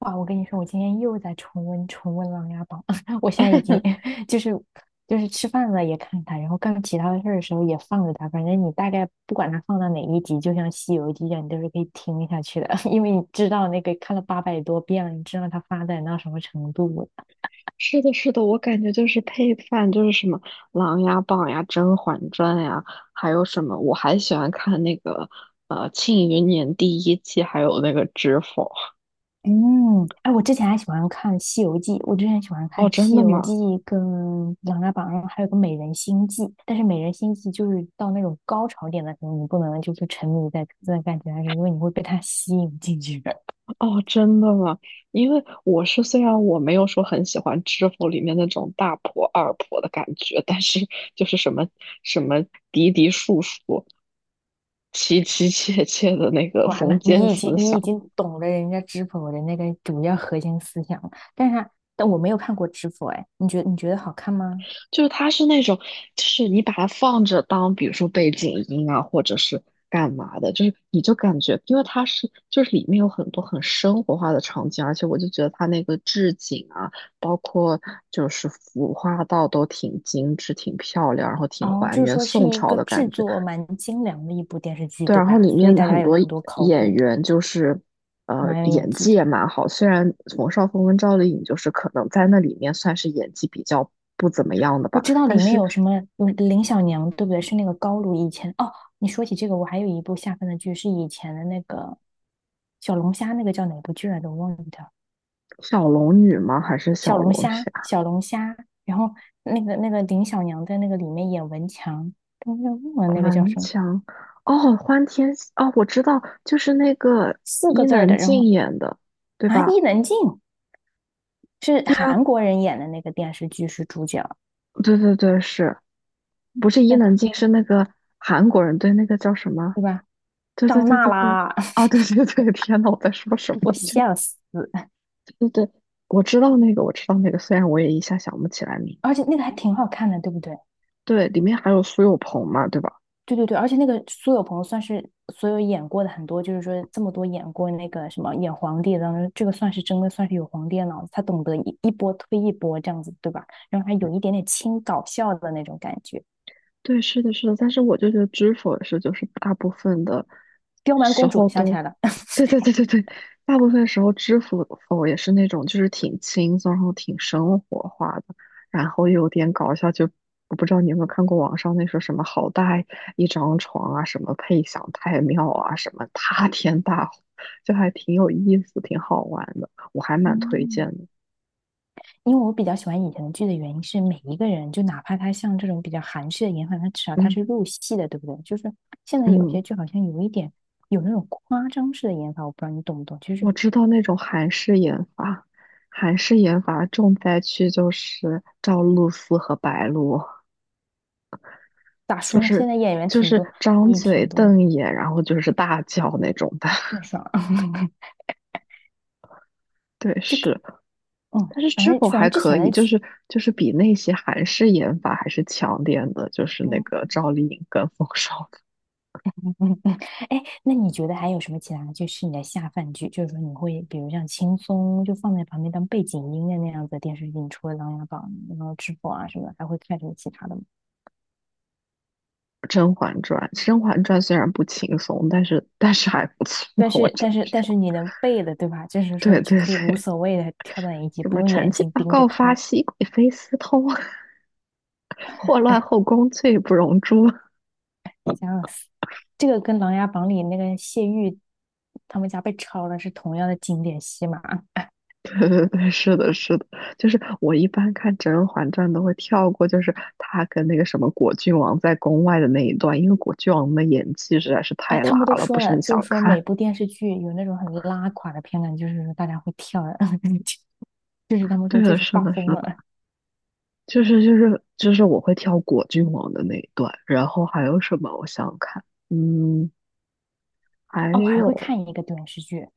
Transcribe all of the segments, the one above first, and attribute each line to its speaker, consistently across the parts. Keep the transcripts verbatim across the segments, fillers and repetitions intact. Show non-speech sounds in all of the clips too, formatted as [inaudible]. Speaker 1: 哇，我跟你说，我今天又在重温重温《琅琊榜》，[laughs] 我现在已经
Speaker 2: [laughs]
Speaker 1: [laughs] 就是就是吃饭了也看它，然后干其他的事儿的时候也放着它，反正你大概不管它放到哪一集，就像《西游记》一样，你都是可以听下去的，[laughs] 因为你知道那个看了八百多遍了，你知道它发展到什么程度了。
Speaker 2: 是的，是的，我感觉就是配饭，就是什么《琅琊榜》呀、《甄嬛传》呀，还有什么，我还喜欢看那个呃《庆余年》第一季，还有那个《知否》。
Speaker 1: 嗯，哎，我之前还喜欢看《西游记》，我之前喜欢看
Speaker 2: 哦，真
Speaker 1: 《西
Speaker 2: 的
Speaker 1: 游记》
Speaker 2: 吗？
Speaker 1: 跟《琅琊榜》，还有个《美人心计》。但是《美人心计》就是到那种高潮点的时候，你不能就是沉迷在这段感情上，是因为你会被它吸引进去。的。
Speaker 2: 哦，真的吗？因为我是虽然我没有说很喜欢《知否》里面那种大婆二婆的感觉，但是就是什么什么嫡嫡庶庶、妻妻妾妾的那个
Speaker 1: 完了，
Speaker 2: 封建
Speaker 1: 你已经
Speaker 2: 思
Speaker 1: 你已
Speaker 2: 想。
Speaker 1: 经懂了人家知否的那个主要核心思想了，但是它但我没有看过知否，哎，你觉得你觉得好看吗？
Speaker 2: 就是它是那种，就是你把它放着当，比如说背景音啊，或者是干嘛的，就是你就感觉，因为它是就是里面有很多很生活化的场景，而且我就觉得它那个置景啊，包括就是服化道都挺精致、挺漂亮，然后挺
Speaker 1: 哦，
Speaker 2: 还
Speaker 1: 就是
Speaker 2: 原
Speaker 1: 说是
Speaker 2: 宋
Speaker 1: 一
Speaker 2: 朝
Speaker 1: 个
Speaker 2: 的
Speaker 1: 制
Speaker 2: 感觉。
Speaker 1: 作蛮精良的一部电视剧，
Speaker 2: 对，
Speaker 1: 对
Speaker 2: 然后
Speaker 1: 吧？
Speaker 2: 里
Speaker 1: 所以
Speaker 2: 面
Speaker 1: 大
Speaker 2: 很
Speaker 1: 家有
Speaker 2: 多
Speaker 1: 很多考
Speaker 2: 演
Speaker 1: 古的，
Speaker 2: 员就是。呃，
Speaker 1: 蛮有演
Speaker 2: 演
Speaker 1: 技
Speaker 2: 技
Speaker 1: 的。
Speaker 2: 也蛮好。虽然冯绍峰跟赵丽颖就是可能在那里面算是演技比较不怎么样的
Speaker 1: 我
Speaker 2: 吧，
Speaker 1: 知道
Speaker 2: 但
Speaker 1: 里面
Speaker 2: 是
Speaker 1: 有什么有林小娘，对不对？是那个高露以前哦。你说起这个，我还有一部下饭的剧是以前的那个小龙虾，那个叫哪部剧来着？我忘记掉。
Speaker 2: 小龙女吗？还是小
Speaker 1: 小龙
Speaker 2: 龙
Speaker 1: 虾，
Speaker 2: 虾？
Speaker 1: 小龙虾。然后那个那个林小娘在那个里面演文强，但是忘了那个叫什么
Speaker 2: 像哦，欢天喜哦，我知道，就是那个
Speaker 1: 四个
Speaker 2: 伊
Speaker 1: 字儿
Speaker 2: 能
Speaker 1: 的。然
Speaker 2: 静
Speaker 1: 后
Speaker 2: 演的，对
Speaker 1: 啊，
Speaker 2: 吧？
Speaker 1: 伊能静是
Speaker 2: 对啊，
Speaker 1: 韩国人演的那个电视剧是主角，
Speaker 2: 对对对，是不是伊
Speaker 1: 在
Speaker 2: 能
Speaker 1: 哪？
Speaker 2: 静是那个韩国人？对，那个叫什么？
Speaker 1: 对吧？
Speaker 2: 对对
Speaker 1: 张
Speaker 2: 对
Speaker 1: 娜
Speaker 2: 对对，
Speaker 1: 拉，
Speaker 2: 哦，对对对，天呐，我在说什
Speaker 1: [laughs] 我
Speaker 2: 么？就
Speaker 1: 笑死。
Speaker 2: 对对对，我知道那个，我知道那个，虽然我也一下想不起来名。
Speaker 1: 而且那个还挺好看的，对不对？
Speaker 2: 对，里面还有苏有朋嘛，对吧？
Speaker 1: 对对对，而且那个苏有朋算是所有演过的很多，就是说这么多演过那个什么演皇帝的当中这个算是真的算是有皇帝的脑子，他懂得一一波推一波这样子，对吧？然后还有一点点轻搞笑的那种感觉。
Speaker 2: 对，是的，是的，但是我就觉得知否是就是大部分的
Speaker 1: 刁蛮
Speaker 2: 时
Speaker 1: 公主
Speaker 2: 候
Speaker 1: 想起
Speaker 2: 都，
Speaker 1: 来了，
Speaker 2: 对对对
Speaker 1: [laughs]
Speaker 2: 对对，大部分时候知否否也是那种就是挺轻松，然后挺生活化的，然后又有点搞笑。就我不知道你有没有看过网上那说什么好大一张床啊，什么配享太庙啊，什么塌天大祸就还挺有意思，挺好玩的，我还蛮推荐
Speaker 1: 嗯，
Speaker 2: 的。
Speaker 1: 因为我比较喜欢以前的剧的原因是，每一个人就哪怕他像这种比较韩式的演法，他至少他
Speaker 2: 嗯
Speaker 1: 是入戏的，对不对？就是现在有
Speaker 2: 嗯。
Speaker 1: 些剧好像有一点有那种夸张式的演法，我不知道你懂不懂，就是
Speaker 2: 我知道那种韩式研发，韩式研发重灾区就是赵露思和白鹿，
Speaker 1: 咋
Speaker 2: 就
Speaker 1: 说呢？现
Speaker 2: 是
Speaker 1: 在演员
Speaker 2: 就
Speaker 1: 挺
Speaker 2: 是
Speaker 1: 多，
Speaker 2: 张
Speaker 1: 也
Speaker 2: 嘴
Speaker 1: 挺多
Speaker 2: 瞪眼，然后就是大叫那种的。
Speaker 1: 郑爽，
Speaker 2: [laughs] 对，是，
Speaker 1: [laughs] 嗯，
Speaker 2: 但是
Speaker 1: 反
Speaker 2: 知
Speaker 1: 正
Speaker 2: 否
Speaker 1: 反
Speaker 2: 还
Speaker 1: 正之
Speaker 2: 可
Speaker 1: 前
Speaker 2: 以，
Speaker 1: 的
Speaker 2: 就
Speaker 1: 剧，
Speaker 2: 是就是比那些韩式研发还是强点的，就是那
Speaker 1: 嗯
Speaker 2: 个赵丽颖跟冯绍峰
Speaker 1: 嗯嗯嗯，哎，那你觉得还有什么其他就是你的下饭剧？就是说你会比如像轻松就放在旁边当背景音的那样子的电视剧，你除了《琅琊榜》然后《知否》啊什么的，还会看什么其他的吗？
Speaker 2: 《甄嬛传》，《甄嬛传》虽然不轻松，但是但是还不错，
Speaker 1: 但
Speaker 2: 我
Speaker 1: 是
Speaker 2: 真
Speaker 1: 但
Speaker 2: 的
Speaker 1: 是但
Speaker 2: 是。
Speaker 1: 是你能背的对吧？就是说
Speaker 2: 对
Speaker 1: 就
Speaker 2: 对
Speaker 1: 可以无
Speaker 2: 对，
Speaker 1: 所谓的跳到一集，
Speaker 2: 什
Speaker 1: 不
Speaker 2: 么
Speaker 1: 用
Speaker 2: 臣
Speaker 1: 眼
Speaker 2: 妾
Speaker 1: 睛
Speaker 2: 报
Speaker 1: 盯着
Speaker 2: 告发
Speaker 1: 看，
Speaker 2: 熹贵妃私通。祸乱后宫，罪不容诛。[laughs]
Speaker 1: 想死。这个跟《琅琊榜》里那个谢玉他们家被抄了是同样的经典戏码。
Speaker 2: 对对对，是的，是的，就是我一般看《甄嬛传》都会跳过，就是她跟那个什么果郡王在宫外的那一段，因为果郡王的演技实在是
Speaker 1: 哎，
Speaker 2: 太
Speaker 1: 他
Speaker 2: 拉
Speaker 1: 们都
Speaker 2: 了，不
Speaker 1: 说
Speaker 2: 是
Speaker 1: 了，
Speaker 2: 很
Speaker 1: 就
Speaker 2: 想
Speaker 1: 是说
Speaker 2: 看。
Speaker 1: 每部电视剧有那种很拉垮的片段，就是说大家会跳的 [laughs] 就是他们说
Speaker 2: 对
Speaker 1: 就
Speaker 2: 的，
Speaker 1: 是
Speaker 2: 是
Speaker 1: 发
Speaker 2: 的，是
Speaker 1: 疯
Speaker 2: 的，
Speaker 1: 了。
Speaker 2: 就是就是就是我会跳果郡王的那一段，然后还有什么？我想想看，嗯，还
Speaker 1: 哦，我还会
Speaker 2: 有，
Speaker 1: 看一个电视剧，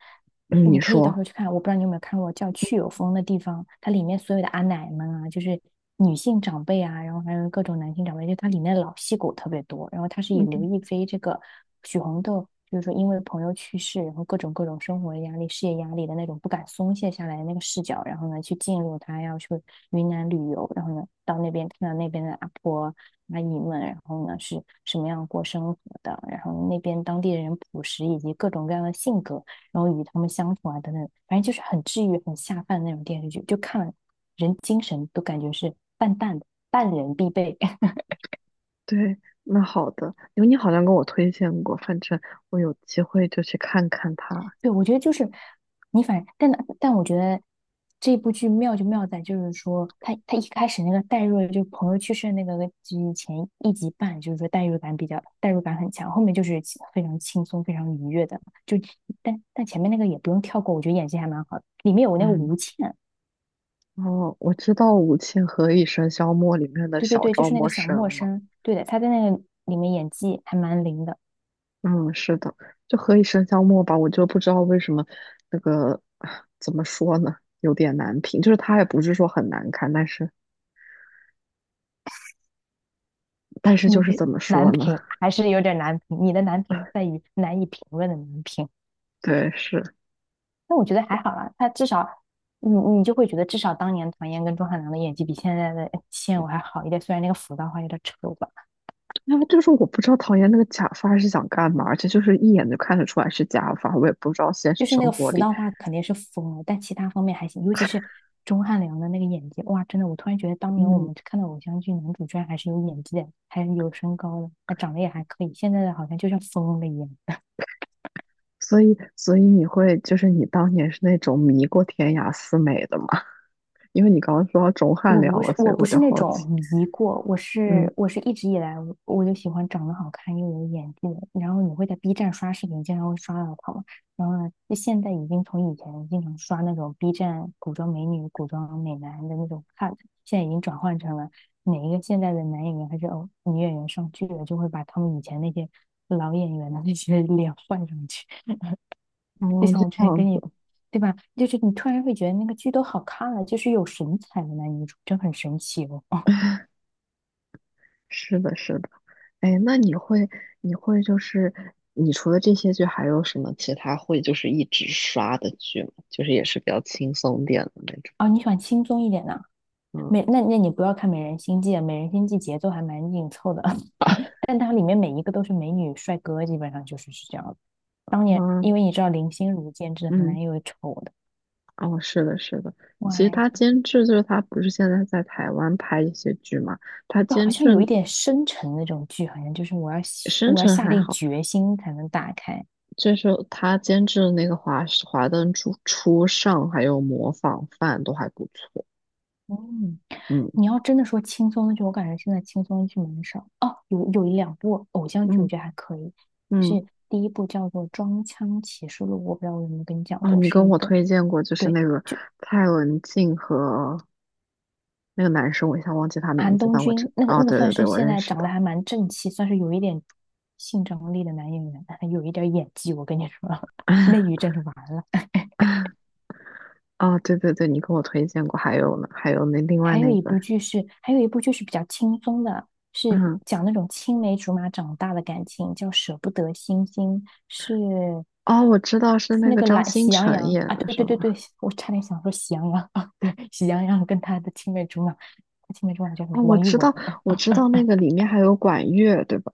Speaker 2: 嗯，你
Speaker 1: 你可以到时
Speaker 2: 说，
Speaker 1: 候去看。我不知道你有没有看过，叫《去有风的地方》，它里面所有的阿奶们啊，就是女性长辈啊，然后还有各种男性长辈，就它里面的老戏骨特别多。然后它是以刘
Speaker 2: 嗯，
Speaker 1: 亦菲这个许红豆，就是说因为朋友去世，然后各种各种生活压力、事业压力的那种不敢松懈下来的那个视角，然后呢去进入她要去云南旅游，然后呢到那边看到那边的阿婆。阿姨们，然后呢是什么样过生活的，然后那边当地人朴实以及各种各样的性格，然后与他们相处啊等等，反正就是很治愈、很下饭的那种电视剧，就看了人精神都感觉是淡淡的，淡人必备。[laughs]
Speaker 2: 对。那好的，因为你好像跟我推荐过，反正我有机会就去看看他。
Speaker 1: 对，我觉得就是你反，但但我觉得这部剧妙就妙在，就是说他他一开始那个代入，就朋友去世的那个剧前一集半，就是说代入感比较代入感很强，后面就是其非常轻松、非常愉悦的。就但但前面那个也不用跳过，我觉得演技还蛮好的。里面有那个
Speaker 2: 嗯。
Speaker 1: 吴倩，
Speaker 2: 哦，我知道“吾妻何以笙箫默”里面的
Speaker 1: 对对
Speaker 2: 小
Speaker 1: 对，就
Speaker 2: 赵
Speaker 1: 是那
Speaker 2: 默
Speaker 1: 个小默
Speaker 2: 笙了。
Speaker 1: 生，对的，她在那个里面演技还蛮灵的。
Speaker 2: 嗯，是的，就“何以笙箫默”吧，我就不知道为什么那个啊怎么说呢，有点难评。就是它也不是说很难看，但是但是就是
Speaker 1: 你
Speaker 2: 怎么说
Speaker 1: 难
Speaker 2: 呢？
Speaker 1: 评 [laughs] 还是有点难评，你的难评在于难以评论的难评。
Speaker 2: [laughs] 对，是，
Speaker 1: 那我觉得还好啦，他至少你你就会觉得至少当年唐嫣跟钟汉良的演技比现在的哎现偶还好一点，虽然那个服道化有点丑吧，
Speaker 2: 那就是我不知道唐嫣那个假发是想干嘛，而且就是一眼就看得出来是假发，我也不知道现实
Speaker 1: 就是那
Speaker 2: 生
Speaker 1: 个
Speaker 2: 活
Speaker 1: 服
Speaker 2: 里，
Speaker 1: 道化肯定是疯了，但其他方面还行，尤其是钟汉良的那个演技，哇，真的，我突然觉得当年我
Speaker 2: 嗯，
Speaker 1: 们看到偶像剧男主居然还是有演技的，还有身高的，他长得也还可以，现在的好像就像疯了一样。
Speaker 2: 所以所以你会就是你当年是那种迷过天涯四美的吗？因为你刚刚说到钟汉
Speaker 1: 我
Speaker 2: 良
Speaker 1: 不
Speaker 2: 了，
Speaker 1: 是
Speaker 2: 所
Speaker 1: 我
Speaker 2: 以
Speaker 1: 不
Speaker 2: 我
Speaker 1: 是
Speaker 2: 就
Speaker 1: 那
Speaker 2: 好奇。
Speaker 1: 种迷过，我
Speaker 2: 嗯，
Speaker 1: 是我是一直以来我我就喜欢长得好看又有演技的。然后你会在 B 站刷视频，经常会刷到他嘛。然后呢，就现在已经从以前经常刷那种 B 站古装美女、古装美男的那种看，现在已经转换成了哪一个现在的男演员还是哦女演员上剧了，就会把他们以前那些老演员的那些脸 [laughs] 换上去。[laughs] 就
Speaker 2: 哦，
Speaker 1: 像我之
Speaker 2: 这
Speaker 1: 前
Speaker 2: 样
Speaker 1: 跟
Speaker 2: 子，
Speaker 1: 你。对吧？就是你突然会觉得那个剧都好看了，就是有神采的男女主，真很神奇哦。
Speaker 2: 是的，是的。哎，那你会，你会就是，你除了这些剧，还有什么其他会就是一直刷的剧吗？就是也是比较轻松点的那种。
Speaker 1: 哦，你喜欢轻松一点的，
Speaker 2: 嗯
Speaker 1: 美，那那你不要看《美人心计》，《美人心计》节奏还蛮紧凑的，[laughs] 但它里面每一个都是美女帅哥，基本上就是是这样的。当年
Speaker 2: 嗯
Speaker 1: 因为你知道林心如监制很
Speaker 2: 嗯，
Speaker 1: 难有丑的，
Speaker 2: 哦，是的，是的。
Speaker 1: 我
Speaker 2: 其实
Speaker 1: 还
Speaker 2: 他
Speaker 1: 想
Speaker 2: 监制就是他，不是现在在台湾拍一些剧嘛？他
Speaker 1: 就好
Speaker 2: 监
Speaker 1: 像有一
Speaker 2: 制
Speaker 1: 点深沉那种剧，好像就是我要
Speaker 2: 深
Speaker 1: 我要
Speaker 2: 沉
Speaker 1: 下
Speaker 2: 还
Speaker 1: 定
Speaker 2: 好，
Speaker 1: 决心才能打开。
Speaker 2: 就是他监制的那个华《华灯初初上》还有《模仿犯》都还不错。
Speaker 1: 嗯，
Speaker 2: 嗯
Speaker 1: 你要真的说轻松的剧，我感觉现在轻松的剧蛮少。哦，有有一两部偶像剧，我
Speaker 2: 嗯
Speaker 1: 觉得还可以，
Speaker 2: 嗯，
Speaker 1: 是第一部叫做《装腔启示录》，我不知道我有没有跟你讲
Speaker 2: 啊，
Speaker 1: 过，
Speaker 2: 你
Speaker 1: 是
Speaker 2: 跟
Speaker 1: 一
Speaker 2: 我
Speaker 1: 个
Speaker 2: 推荐过，就是
Speaker 1: 对，
Speaker 2: 那个蔡文静和那个男生，我一下忘记他名
Speaker 1: 韩
Speaker 2: 字，
Speaker 1: 东
Speaker 2: 但我知，
Speaker 1: 君那个
Speaker 2: 哦，
Speaker 1: 那个
Speaker 2: 对
Speaker 1: 算
Speaker 2: 对对，
Speaker 1: 是
Speaker 2: 我
Speaker 1: 现
Speaker 2: 认
Speaker 1: 在
Speaker 2: 识
Speaker 1: 长得
Speaker 2: 他。
Speaker 1: 还蛮正气，算是有一点性张力的男演员，[laughs] 有一点演技。我跟你说，[laughs] 内娱真是完了。[laughs]
Speaker 2: [laughs] 哦，对对对，你跟我推荐过，还有呢，还有那另外
Speaker 1: 还有
Speaker 2: 那
Speaker 1: 一
Speaker 2: 个，
Speaker 1: 部剧是，还有一部剧是比较轻松的，是
Speaker 2: 嗯，
Speaker 1: 讲那种青梅竹马长大的感情，叫《舍不得星星》，是
Speaker 2: 哦，我知道是
Speaker 1: 是
Speaker 2: 那
Speaker 1: 那
Speaker 2: 个
Speaker 1: 个
Speaker 2: 张
Speaker 1: 懒
Speaker 2: 新
Speaker 1: 喜羊
Speaker 2: 成
Speaker 1: 羊
Speaker 2: 演
Speaker 1: 啊，
Speaker 2: 的，
Speaker 1: 对
Speaker 2: 是
Speaker 1: 对对对，
Speaker 2: 吧？
Speaker 1: 我差点想说喜羊羊啊，[laughs] 对，喜羊羊跟他的青梅竹马，青梅竹马叫什么？
Speaker 2: 哦，我
Speaker 1: 王一
Speaker 2: 知
Speaker 1: 文
Speaker 2: 道，我知道那个里面还有管乐，对吧？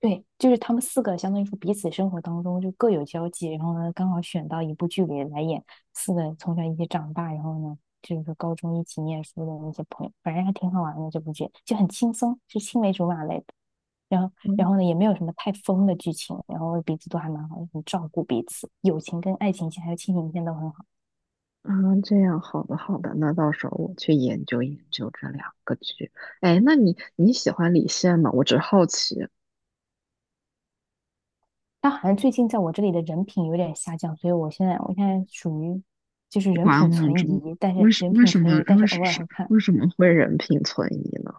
Speaker 1: 对，就是他们四个相当于说彼此生活当中就各有交际，然后呢刚好选到一部剧里来演四个从小一起长大，然后呢就是说高中一起念书的那些朋友，反正还挺好玩的这部剧，就很轻松，是青梅竹马类的。然后，
Speaker 2: 嗯
Speaker 1: 然后呢也没有什么太疯的剧情，然后彼此都还蛮好，很照顾彼此，友情跟爱情线还有亲情线都很好。
Speaker 2: 啊，这样，好的好的，那到时候我去研究研究这两个剧。哎，那你你喜欢李现吗？我只是好奇。
Speaker 1: 他好像最近在我这里的人品有点下降，所以我现在我现在属于就是人
Speaker 2: 观
Speaker 1: 品
Speaker 2: 望
Speaker 1: 存
Speaker 2: 中
Speaker 1: 疑，但
Speaker 2: 为
Speaker 1: 是
Speaker 2: 什
Speaker 1: 人
Speaker 2: 为
Speaker 1: 品
Speaker 2: 什么
Speaker 1: 存疑，但是
Speaker 2: 为
Speaker 1: 偶
Speaker 2: 什
Speaker 1: 尔
Speaker 2: 是
Speaker 1: 会看。
Speaker 2: 为什么会人品存疑呢？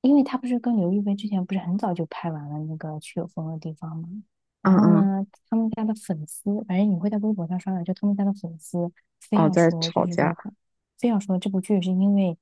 Speaker 1: 因为他不是跟刘亦菲之前不是很早就拍完了那个去有风的地方吗？
Speaker 2: 嗯
Speaker 1: 然后
Speaker 2: 嗯，
Speaker 1: 呢，他们家的粉丝，反正你会在微博上刷到，就他们家的粉丝非
Speaker 2: 哦，
Speaker 1: 要
Speaker 2: 在
Speaker 1: 说，就
Speaker 2: 吵
Speaker 1: 是
Speaker 2: 架，
Speaker 1: 说他非要说这部剧是因为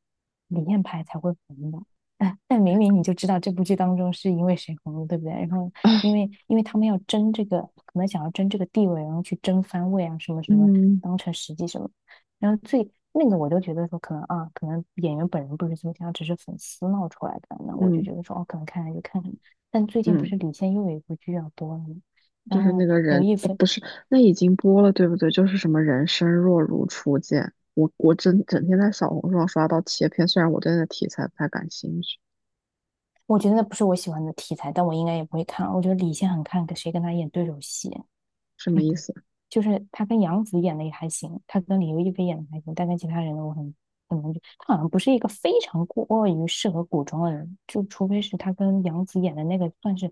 Speaker 1: 李现拍才会红的，哎，但明明你就知道这部剧当中是因为谁红的，对不对？然后因为因为他们要争这个，可能想要争这个地位，然后去争番位啊，什么
Speaker 2: [clears throat]
Speaker 1: 什么，
Speaker 2: 嗯
Speaker 1: 当成实际什么。然后最那个我都觉得说可能啊，可能演员本人不是这么想，只是粉丝闹出来的。那我就
Speaker 2: 嗯
Speaker 1: 觉得说哦，可能看看就看看。但最近不
Speaker 2: 嗯，
Speaker 1: 是李现又有一部剧要播了吗？
Speaker 2: 就
Speaker 1: 然
Speaker 2: 是
Speaker 1: 后呢，
Speaker 2: 那个
Speaker 1: 刘
Speaker 2: 人，
Speaker 1: 亦
Speaker 2: 哦，
Speaker 1: 菲，
Speaker 2: 不是，那已经播了，对不对？就是什么人生若如初见，我我整整天在小红书上刷到切片，虽然我对那题材不太感兴趣，
Speaker 1: 我觉得那不是我喜欢的题材，但我应该也不会看。我觉得李现很看谁跟他演对手戏。
Speaker 2: 什么
Speaker 1: 嗯，
Speaker 2: 意思？
Speaker 1: 就是他跟杨紫演的也还行，他跟李优一菲演的还行，但跟其他人的我很很难觉。他好像不是一个非常过于适合古装的人，就除非是他跟杨紫演的那个算是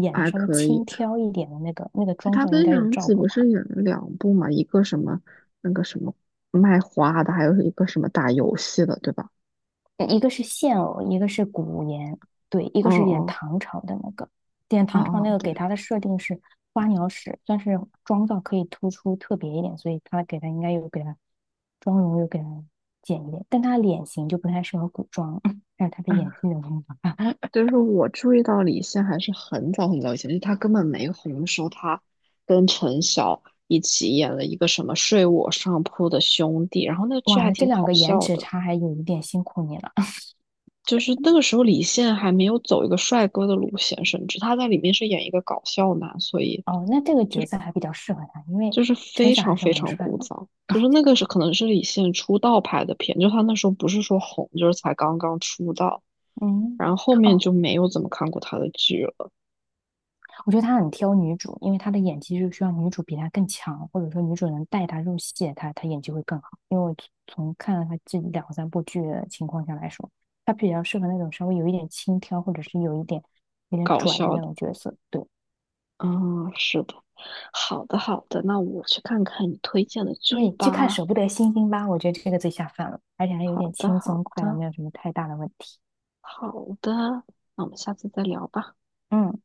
Speaker 1: 演的
Speaker 2: 还
Speaker 1: 稍微
Speaker 2: 可
Speaker 1: 轻
Speaker 2: 以，
Speaker 1: 佻一点的那个，那个
Speaker 2: 哎
Speaker 1: 妆
Speaker 2: 他
Speaker 1: 造应
Speaker 2: 跟
Speaker 1: 该有
Speaker 2: 杨
Speaker 1: 照
Speaker 2: 紫
Speaker 1: 顾
Speaker 2: 不
Speaker 1: 他。
Speaker 2: 是演了两部嘛，一个什么那个什么卖花的，还有一个什么打游戏的，对吧？
Speaker 1: 一个是现偶，一个是古言，对，一
Speaker 2: 哦
Speaker 1: 个是演
Speaker 2: 哦
Speaker 1: 唐朝的那个，演
Speaker 2: 哦
Speaker 1: 唐朝那
Speaker 2: 哦，
Speaker 1: 个
Speaker 2: 对。
Speaker 1: 给他的设定是花鸟使，算是妆造可以突出特别一点，所以他给他应该有给他妆容又给他减一点，但他脸型就不太适合古装，[laughs]
Speaker 2: [laughs]
Speaker 1: 但是他的
Speaker 2: 嗯，
Speaker 1: 演技的风格。
Speaker 2: 就是我注意到李现还是很早很早以前，就是他根本没红的时候，他跟陈晓一起演了一个什么《睡我上铺的兄弟》，然后那
Speaker 1: [laughs]
Speaker 2: 剧
Speaker 1: 哇，
Speaker 2: 还
Speaker 1: 那这
Speaker 2: 挺
Speaker 1: 两
Speaker 2: 好
Speaker 1: 个颜
Speaker 2: 笑
Speaker 1: 值
Speaker 2: 的。
Speaker 1: 差还有一点辛苦你了。[laughs]
Speaker 2: 就是那个时候，李现还没有走一个帅哥的路线，甚至他在里面是演一个搞笑男，所以
Speaker 1: 哦，那这个角色还比较适合他，因为
Speaker 2: 就是
Speaker 1: 陈
Speaker 2: 非
Speaker 1: 晓
Speaker 2: 常
Speaker 1: 还是
Speaker 2: 非
Speaker 1: 蛮
Speaker 2: 常
Speaker 1: 帅
Speaker 2: 古
Speaker 1: 的。
Speaker 2: 早。就是那个是可能是李现出道拍的片，就他那时候不是说红，就是才刚刚出道，
Speaker 1: 嗯，
Speaker 2: 然后后面
Speaker 1: 哦，
Speaker 2: 就没有怎么看过他的剧了，
Speaker 1: 我觉得他很挑女主，因为他的演技就需要女主比他更强，或者说女主能带他入戏，他他演技会更好。因为我从看了他这两三部剧的情况下来说，他比较适合那种稍微有一点轻佻，或者是有一点有点
Speaker 2: 搞
Speaker 1: 拽的
Speaker 2: 笑
Speaker 1: 那
Speaker 2: 的。
Speaker 1: 种角色。对
Speaker 2: 嗯，是的，好的好的，那我去看看你推荐的剧
Speaker 1: 对，去看《舍
Speaker 2: 吧。
Speaker 1: 不得星星》吧，我觉得这个最下饭了，而且还有
Speaker 2: 好
Speaker 1: 点
Speaker 2: 的
Speaker 1: 轻
Speaker 2: 好
Speaker 1: 松快乐，
Speaker 2: 的
Speaker 1: 没有什么太大的问题。
Speaker 2: 好的，那我们下次再聊吧。
Speaker 1: 嗯。